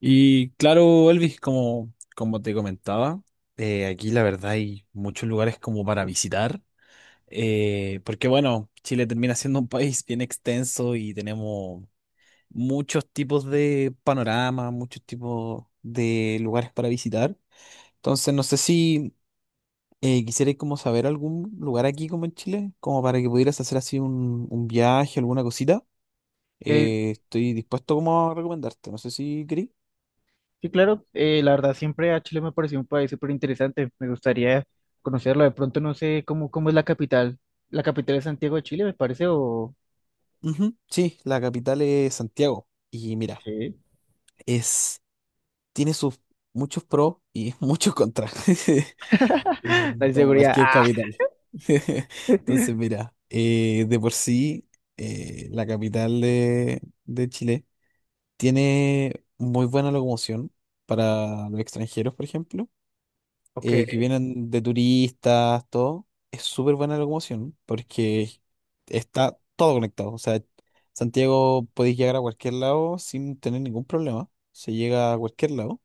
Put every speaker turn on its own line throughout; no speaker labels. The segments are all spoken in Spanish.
Y claro, Elvis, como te comentaba, aquí la verdad hay muchos lugares como para visitar, porque bueno, Chile termina siendo un país bien extenso y tenemos muchos tipos de panoramas, muchos tipos de lugares para visitar. Entonces, no sé si quisierais como saber algún lugar aquí como en Chile, como para que pudieras hacer así un viaje, alguna cosita.
Eh,
Estoy dispuesto como a recomendarte, no sé si queréis.
sí, claro, la verdad siempre a Chile me pareció un país súper interesante, me gustaría conocerlo. De pronto no sé cómo es la capital. La capital es Santiago de Chile, me parece, o
Ujú, sí, la capital es Santiago. Y mira,
sí.
es, tiene sus muchos pros y muchos contras,
La
como
inseguridad,
cualquier
ah,
capital. Entonces, mira, de por sí, la capital de Chile tiene muy buena locomoción para los extranjeros, por ejemplo,
ok,
que vienen de turistas, todo, es súper buena la locomoción porque está todo conectado. O sea, Santiago podéis llegar a cualquier lado sin tener ningún problema. Se llega a cualquier lado.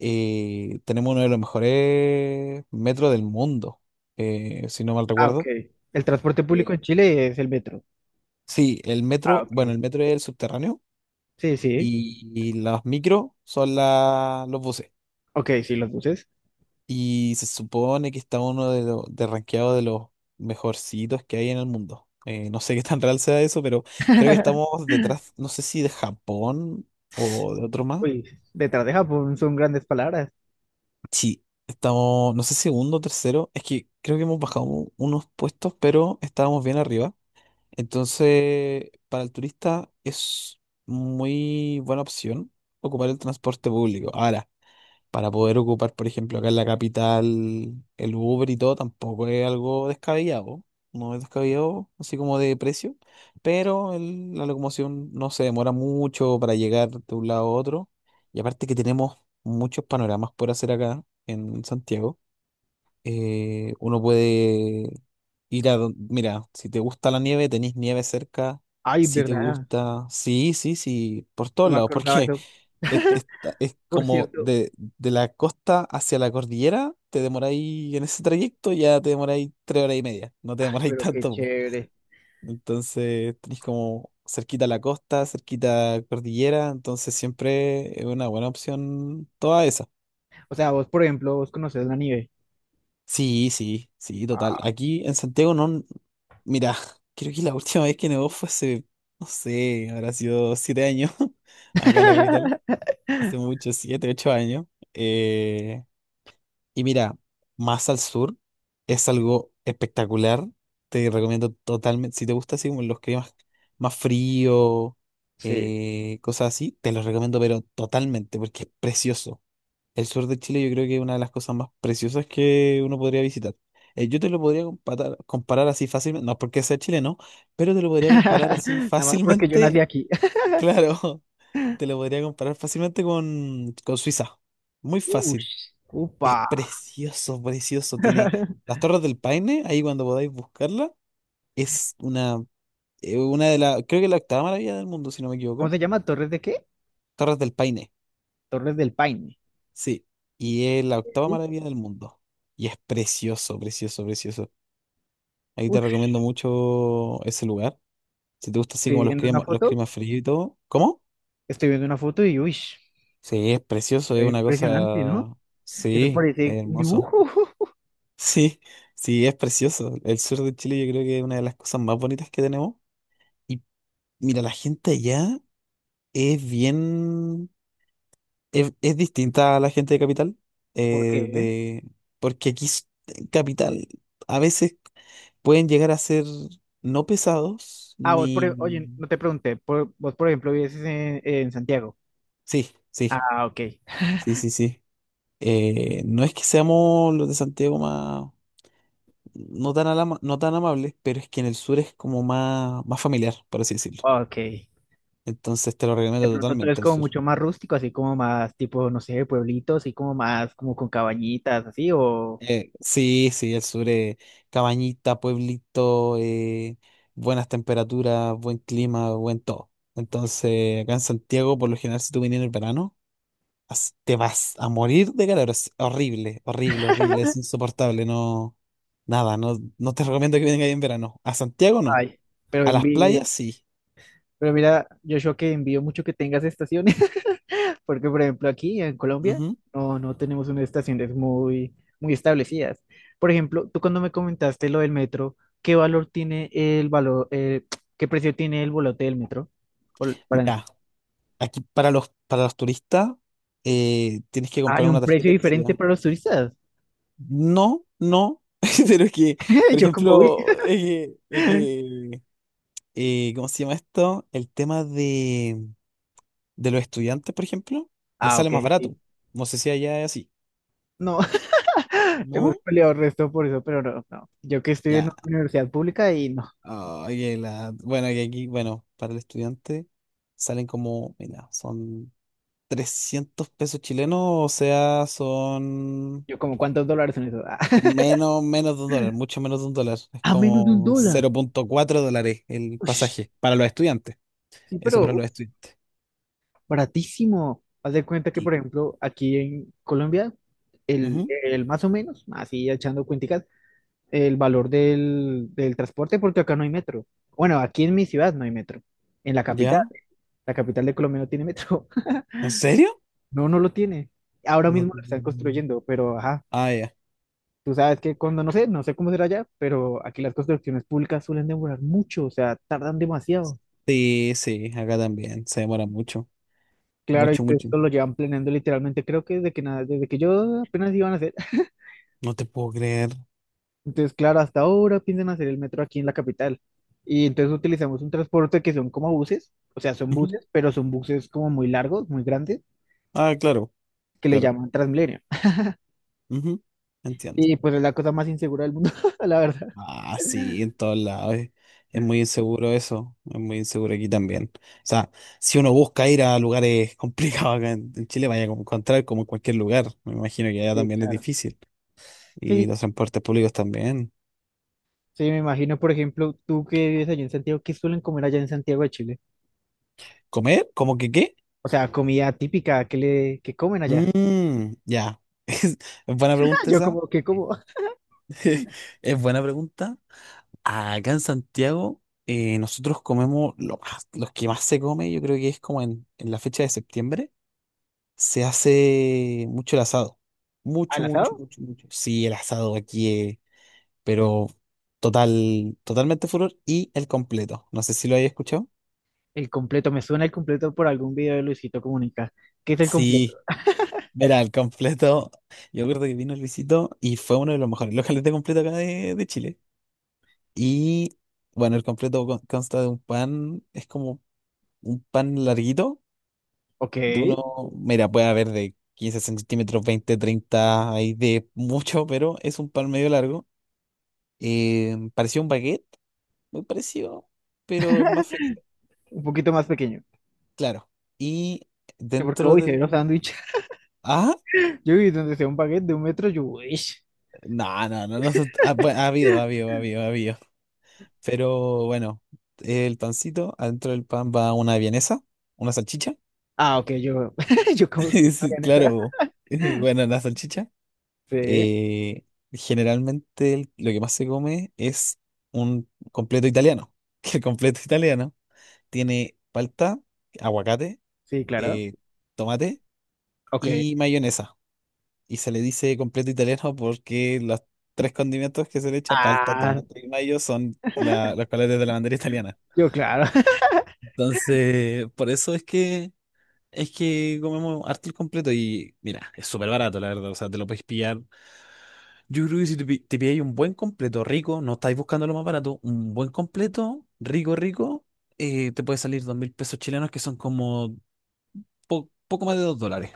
Tenemos uno de los mejores metros del mundo, si no mal
ah, ok,
recuerdo.
el transporte público
Eh,
en Chile es el metro,
sí, el
ah,
metro, bueno,
ok,
el metro es el subterráneo
sí, sí,
y las micro son los buses.
ok, sí, los buses.
Y se supone que está uno de los de rankeado de los mejorcitos que hay en el mundo. No sé qué tan real sea eso, pero creo que estamos detrás, no sé si de Japón o de otro más.
Uy, detrás de Japón son grandes palabras.
Sí, estamos, no sé, si segundo, tercero. Es que creo que hemos bajado unos puestos, pero estábamos bien arriba. Entonces, para el turista es muy buena opción ocupar el transporte público. Ahora, para poder ocupar, por ejemplo, acá en la capital, el Uber y todo, tampoco es algo descabellado. No es descabellado, así como de precio, pero la locomoción no se demora mucho para llegar de un lado a otro. Y aparte que tenemos muchos panoramas por hacer acá en Santiago. Uno puede ir a don- Mira, si te gusta la nieve, tenés nieve cerca.
Ay,
Si te
verdad,
gusta. Sí, sí, sí, por todos
no me
lados,
acordaba
porque
de eso,
es
por
como
cierto,
de, la costa hacia la cordillera, te demoráis en ese trayecto, ya te demoráis 3 horas y media, no te demoráis
pero qué
tanto, po.
chévere.
Entonces tenéis como cerquita la costa, cerquita cordillera, entonces siempre es una buena opción toda esa.
O sea, vos conoces la nieve,
Sí, sí, sí, total.
ah,
Aquí en Santiago no, mira, creo que la última vez que nevó fue hace, no sé, habrá sido 7 años acá en la capital, hace mucho, 7, 8 años. Eh, Y mira, más al sur es algo espectacular. Te recomiendo totalmente, si te gusta así como los climas más frío,
sí.
cosas así, te los recomiendo, pero totalmente, porque es precioso. El sur de Chile yo creo que es una de las cosas más preciosas que uno podría visitar. Yo te lo podría comparar así fácilmente, no es porque sea chileno, pero te lo podría comparar así
Nada más porque yo nací
fácilmente,
aquí.
claro, te lo podría comparar fácilmente con Suiza. Muy fácil.
Ush,
Es
upa.
precioso, precioso. Tiene las Torres del Paine, ahí cuando podáis buscarla. Es una de las, creo que la octava maravilla del mundo, si no me
¿Cómo
equivoco.
se llama? ¿Torres de qué?
Torres del Paine,
Torres del Paine.
sí. Y es la octava
¿Sí?
maravilla del mundo. Y es precioso, precioso, precioso. Ahí te
Ush,
recomiendo mucho ese lugar. Si te gusta así
estoy
como
viendo una
los
foto.
climas fríos y todo. ¿Cómo?
Estoy viendo una foto y uy,
Sí, es precioso, es una
impresionante, ¿no?
cosa.
Eso
Sí, es
parece un
hermoso.
dibujo.
Sí, sí, es precioso. El sur de Chile yo creo que es una de las cosas más bonitas que tenemos. Mira, la gente allá es bien, es distinta a la gente de capital,
¿Por
eh,
qué?
de, porque aquí en capital a veces pueden llegar a ser no pesados,
Ah, vos, oye,
ni...
no te pregunté. Vos, por ejemplo, vives en Santiago.
Sí, sí,
Ah, ok.
sí, sí, sí. No es que seamos los de Santiago más, no tan amables, pero es que en el sur es como más familiar, por así decirlo.
Ok.
Entonces te lo
De
recomiendo
pronto tú eres
totalmente el
como
sur.
mucho más rústico, así como más tipo, no sé, pueblitos, así como más como con cabañitas, así o...
Sí, sí, el sur es cabañita, pueblito, buenas temperaturas, buen clima, buen todo. Entonces, acá en Santiago, por lo general, si tú vienes en el verano, te vas a morir de calor. Es horrible, horrible, horrible, es insoportable. No, nada, no, no te recomiendo que vengas ahí en verano. A Santiago no,
Ay, pero
a
en
las
Vir-
playas sí.
pero mira, Joshua, que envío mucho que tengas estaciones, porque por ejemplo aquí en Colombia
Ujú.
no tenemos unas estaciones muy establecidas. Por ejemplo, tú cuando me comentaste lo del metro, ¿qué valor tiene el valor, eh, ¿qué precio tiene el boleto del metro? Bol- para-
Mira, aquí para los turistas, tienes que comprar
¿Hay un
una
precio
tarjeta que se
diferente
llama.
para los turistas?
No, no, pero es que, por
Yo como, uy.
ejemplo, ¿cómo se llama esto? El tema de los estudiantes, por ejemplo, les
Ah,
sale
ok,
más
sí.
barato. No sé si allá es así.
No, hemos
¿No?
peleado el resto por eso, pero no, no. Yo que estoy en
Ya.
una universidad pública y no.
Ay, bueno, que aquí, bueno, para el estudiante salen como, mira, son 300 pesos chilenos, o sea, son
Yo como, ¿cuántos dólares son eso?
con menos, menos de un dólar, mucho menos de un dólar. Es
A menos de un
como
dólar.
0,4 dólares el
Ush,
pasaje para los estudiantes.
sí,
Eso para
pero
los estudiantes.
baratísimo. Haz de cuenta que, por
Sí.
ejemplo, aquí en Colombia,
Ujú,
el más o menos, así echando cuenticas, el valor del transporte, porque acá no hay metro. Bueno, aquí en mi ciudad no hay metro. En
¿ya?
la capital de Colombia no tiene metro.
¿En serio?
No, no lo tiene. Ahora
No,
mismo lo están construyendo, pero ajá,
Ah, ya.
tú sabes que cuando no sé cómo será allá, pero aquí las construcciones públicas suelen demorar mucho, o sea, tardan demasiado.
Sí, sí, acá también. Se demora mucho.
Claro, y
Mucho, mucho.
esto lo llevan planeando literalmente, creo que desde que nada, desde que yo apenas iban a hacer.
No te puedo creer.
Entonces, claro, hasta ahora piensan hacer el metro aquí en la capital. Y entonces utilizamos un transporte que son como buses, o sea, son
Ujú.
buses, pero son buses como muy largos, muy grandes,
Ah, claro,
que le
claro.
llaman Transmilenio.
Ujú, entiendo.
Y pues es la cosa más insegura del mundo, la verdad.
Ah, sí, en todos lados. Es muy inseguro eso. Es muy inseguro aquí también. O sea, si uno busca ir a lugares complicados acá en Chile, vaya a encontrar como en cualquier lugar. Me imagino que allá
Sí,
también es
claro.
difícil. Y
Sí,
los transportes públicos también.
sí, me imagino, por ejemplo, tú que vives allá en Santiago, ¿qué suelen comer allá en Santiago de Chile?
¿Comer? ¿Cómo que qué?
O sea, comida típica, ¿qué comen allá?
Mm, ya. Es buena
Ah,
pregunta
yo
esa.
como, ¿qué como?
Ok. Es buena pregunta. Acá en Santiago, nosotros comemos lo más, los que más se come, yo creo que es como en la fecha de septiembre, se hace mucho el asado. Mucho,
¿Al
mucho,
asado?
mucho, mucho. Sí, el asado aquí es, pero total, totalmente furor. Y el completo. No sé si lo hayas escuchado.
El completo, me suena el completo por algún video de Luisito Comunica. ¿Qué es el completo?
Sí, mira, el completo. Yo recuerdo que vino Luisito y fue uno de los mejores los de completo acá de Chile. Y bueno, el completo consta de un pan, es como un pan larguito,
Ok,
de uno, mira, puede haber de 15 centímetros, 20, 30 hay de mucho, pero es un pan medio largo. Pareció un baguette, muy parecido, pero es más finito,
un poquito más pequeño.
claro. Y
Yo porque
dentro
hoy se ve
del.
los sándwiches.
Ah,
Yo vi donde sea un baguette de un metro, yo, uy.
no, no, no, no, ah, bueno, ha habido. Pero bueno, el pancito, adentro del pan va una vienesa, una salchicha.
Ah, ok, yo, yo como que no
Sí,
harían esa.
claro. Bueno, la salchicha.
Sí,
eh, Generalmente lo que más se come es un completo italiano. Que el completo italiano tiene palta, aguacate,
sí, claro.
eh, tomate
Ok.
y mayonesa. Y se le dice completo italiano porque los tres condimentos que se le echa, palta,
Ah,
tomate y mayo, son los colores de la bandera italiana.
yo, claro.
Entonces, por eso es que comemos harto el completo y mira, es súper barato, la verdad. O sea, te lo puedes pillar. Yo creo que si te pilláis un buen completo rico, no estáis buscando lo más barato, un buen completo rico, rico, te puede salir 2000 pesos chilenos que son como poco más de 2 dólares.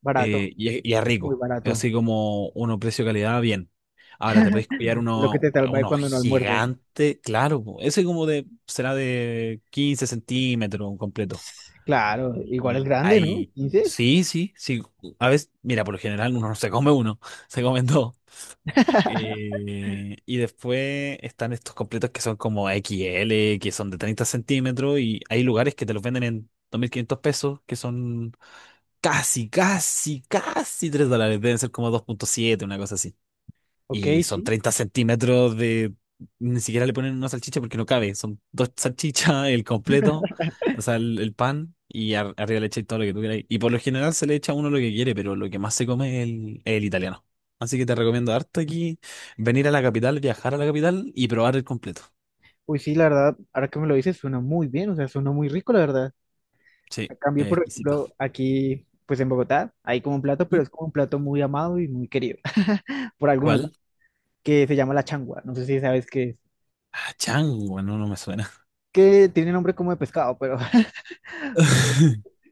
Barato,
Y es
muy
rico, es
barato.
así como uno precio-calidad bien. Ahora te podéis pillar
Lo que
uno,
te salva es
uno
cuando no almuerzas.
gigante, claro, po, ese como de, será de 15 centímetros un completo.
Claro, igual es
Y
grande, ¿no?
ahí,
15.
sí, sí, sí, a veces, mira, por lo general uno no se come uno, se comen dos. Y después están estos completos que son como XL que son de 30 centímetros, y hay lugares que te los venden en 2500 pesos, que son casi, casi, casi 3 dólares, deben ser como 2,7, una cosa así.
Ok,
Y son
sí.
30 centímetros de. Ni siquiera le ponen una salchicha porque no cabe. Son dos salchichas, el completo, o sea, el pan y arriba le echáis todo lo que tú queráis. Y por lo general se le echa a uno lo que quiere, pero lo que más se come es el italiano. Así que te recomiendo harto aquí venir a la capital, viajar a la capital y probar el completo.
Uy, sí, la verdad, ahora que me lo dices, suena muy bien, o sea, suena muy rico, la verdad.
Sí,
A cambio,
es
por
exquisito.
ejemplo, aquí, pues en Bogotá, hay como un plato, pero
Ujú.
es como un plato muy amado y muy querido, por algunos, ¿no?,
¿Cuál?
que se llama la changua. No sé si sabes qué es.
Ah, chango, no, no me suena.
Que tiene nombre como de pescado, pero,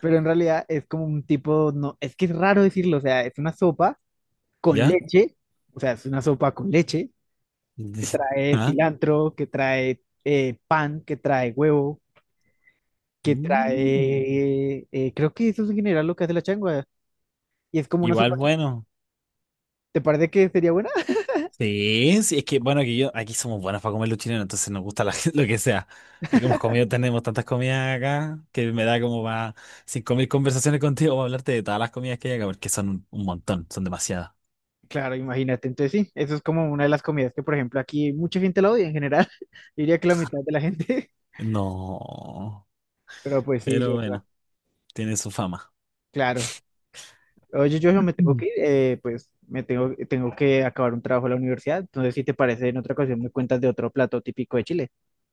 pero en realidad es como un tipo, no, es que es raro decirlo, o sea, es una sopa con
¿Ya?
leche, o sea, es una sopa con leche que trae
¿Ah?
cilantro, que trae pan, que trae huevo,
Mm.
creo que eso es en general lo que hace la changua. Y es como una
Igual
sopa,
bueno.
¿te parece que sería buena?
Sí, sí, es que bueno, que yo, aquí somos buenos para comer los chilenos, entonces nos gusta lo que sea. Es que hemos comido, tenemos tantas comidas acá que me da como para 5000 conversaciones contigo para hablarte de todas las comidas que hay acá, porque son un montón, son demasiadas.
Claro, imagínate, entonces sí, eso es como una de las comidas que, por ejemplo, aquí mucha gente la odia en general, diría que la mitad de la gente,
No,
pero pues sí,
pero
Joshua,
bueno, tiene su fama.
claro. Oye, yo me tengo
Mm.
que ir, pues tengo que acabar un trabajo en la universidad. Entonces, si te parece, en otra ocasión me cuentas de otro plato típico de Chile.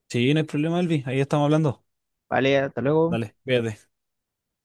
Sí, no hay problema, Elvi, ahí estamos hablando.
Vale, hasta luego.
Dale, cuídate.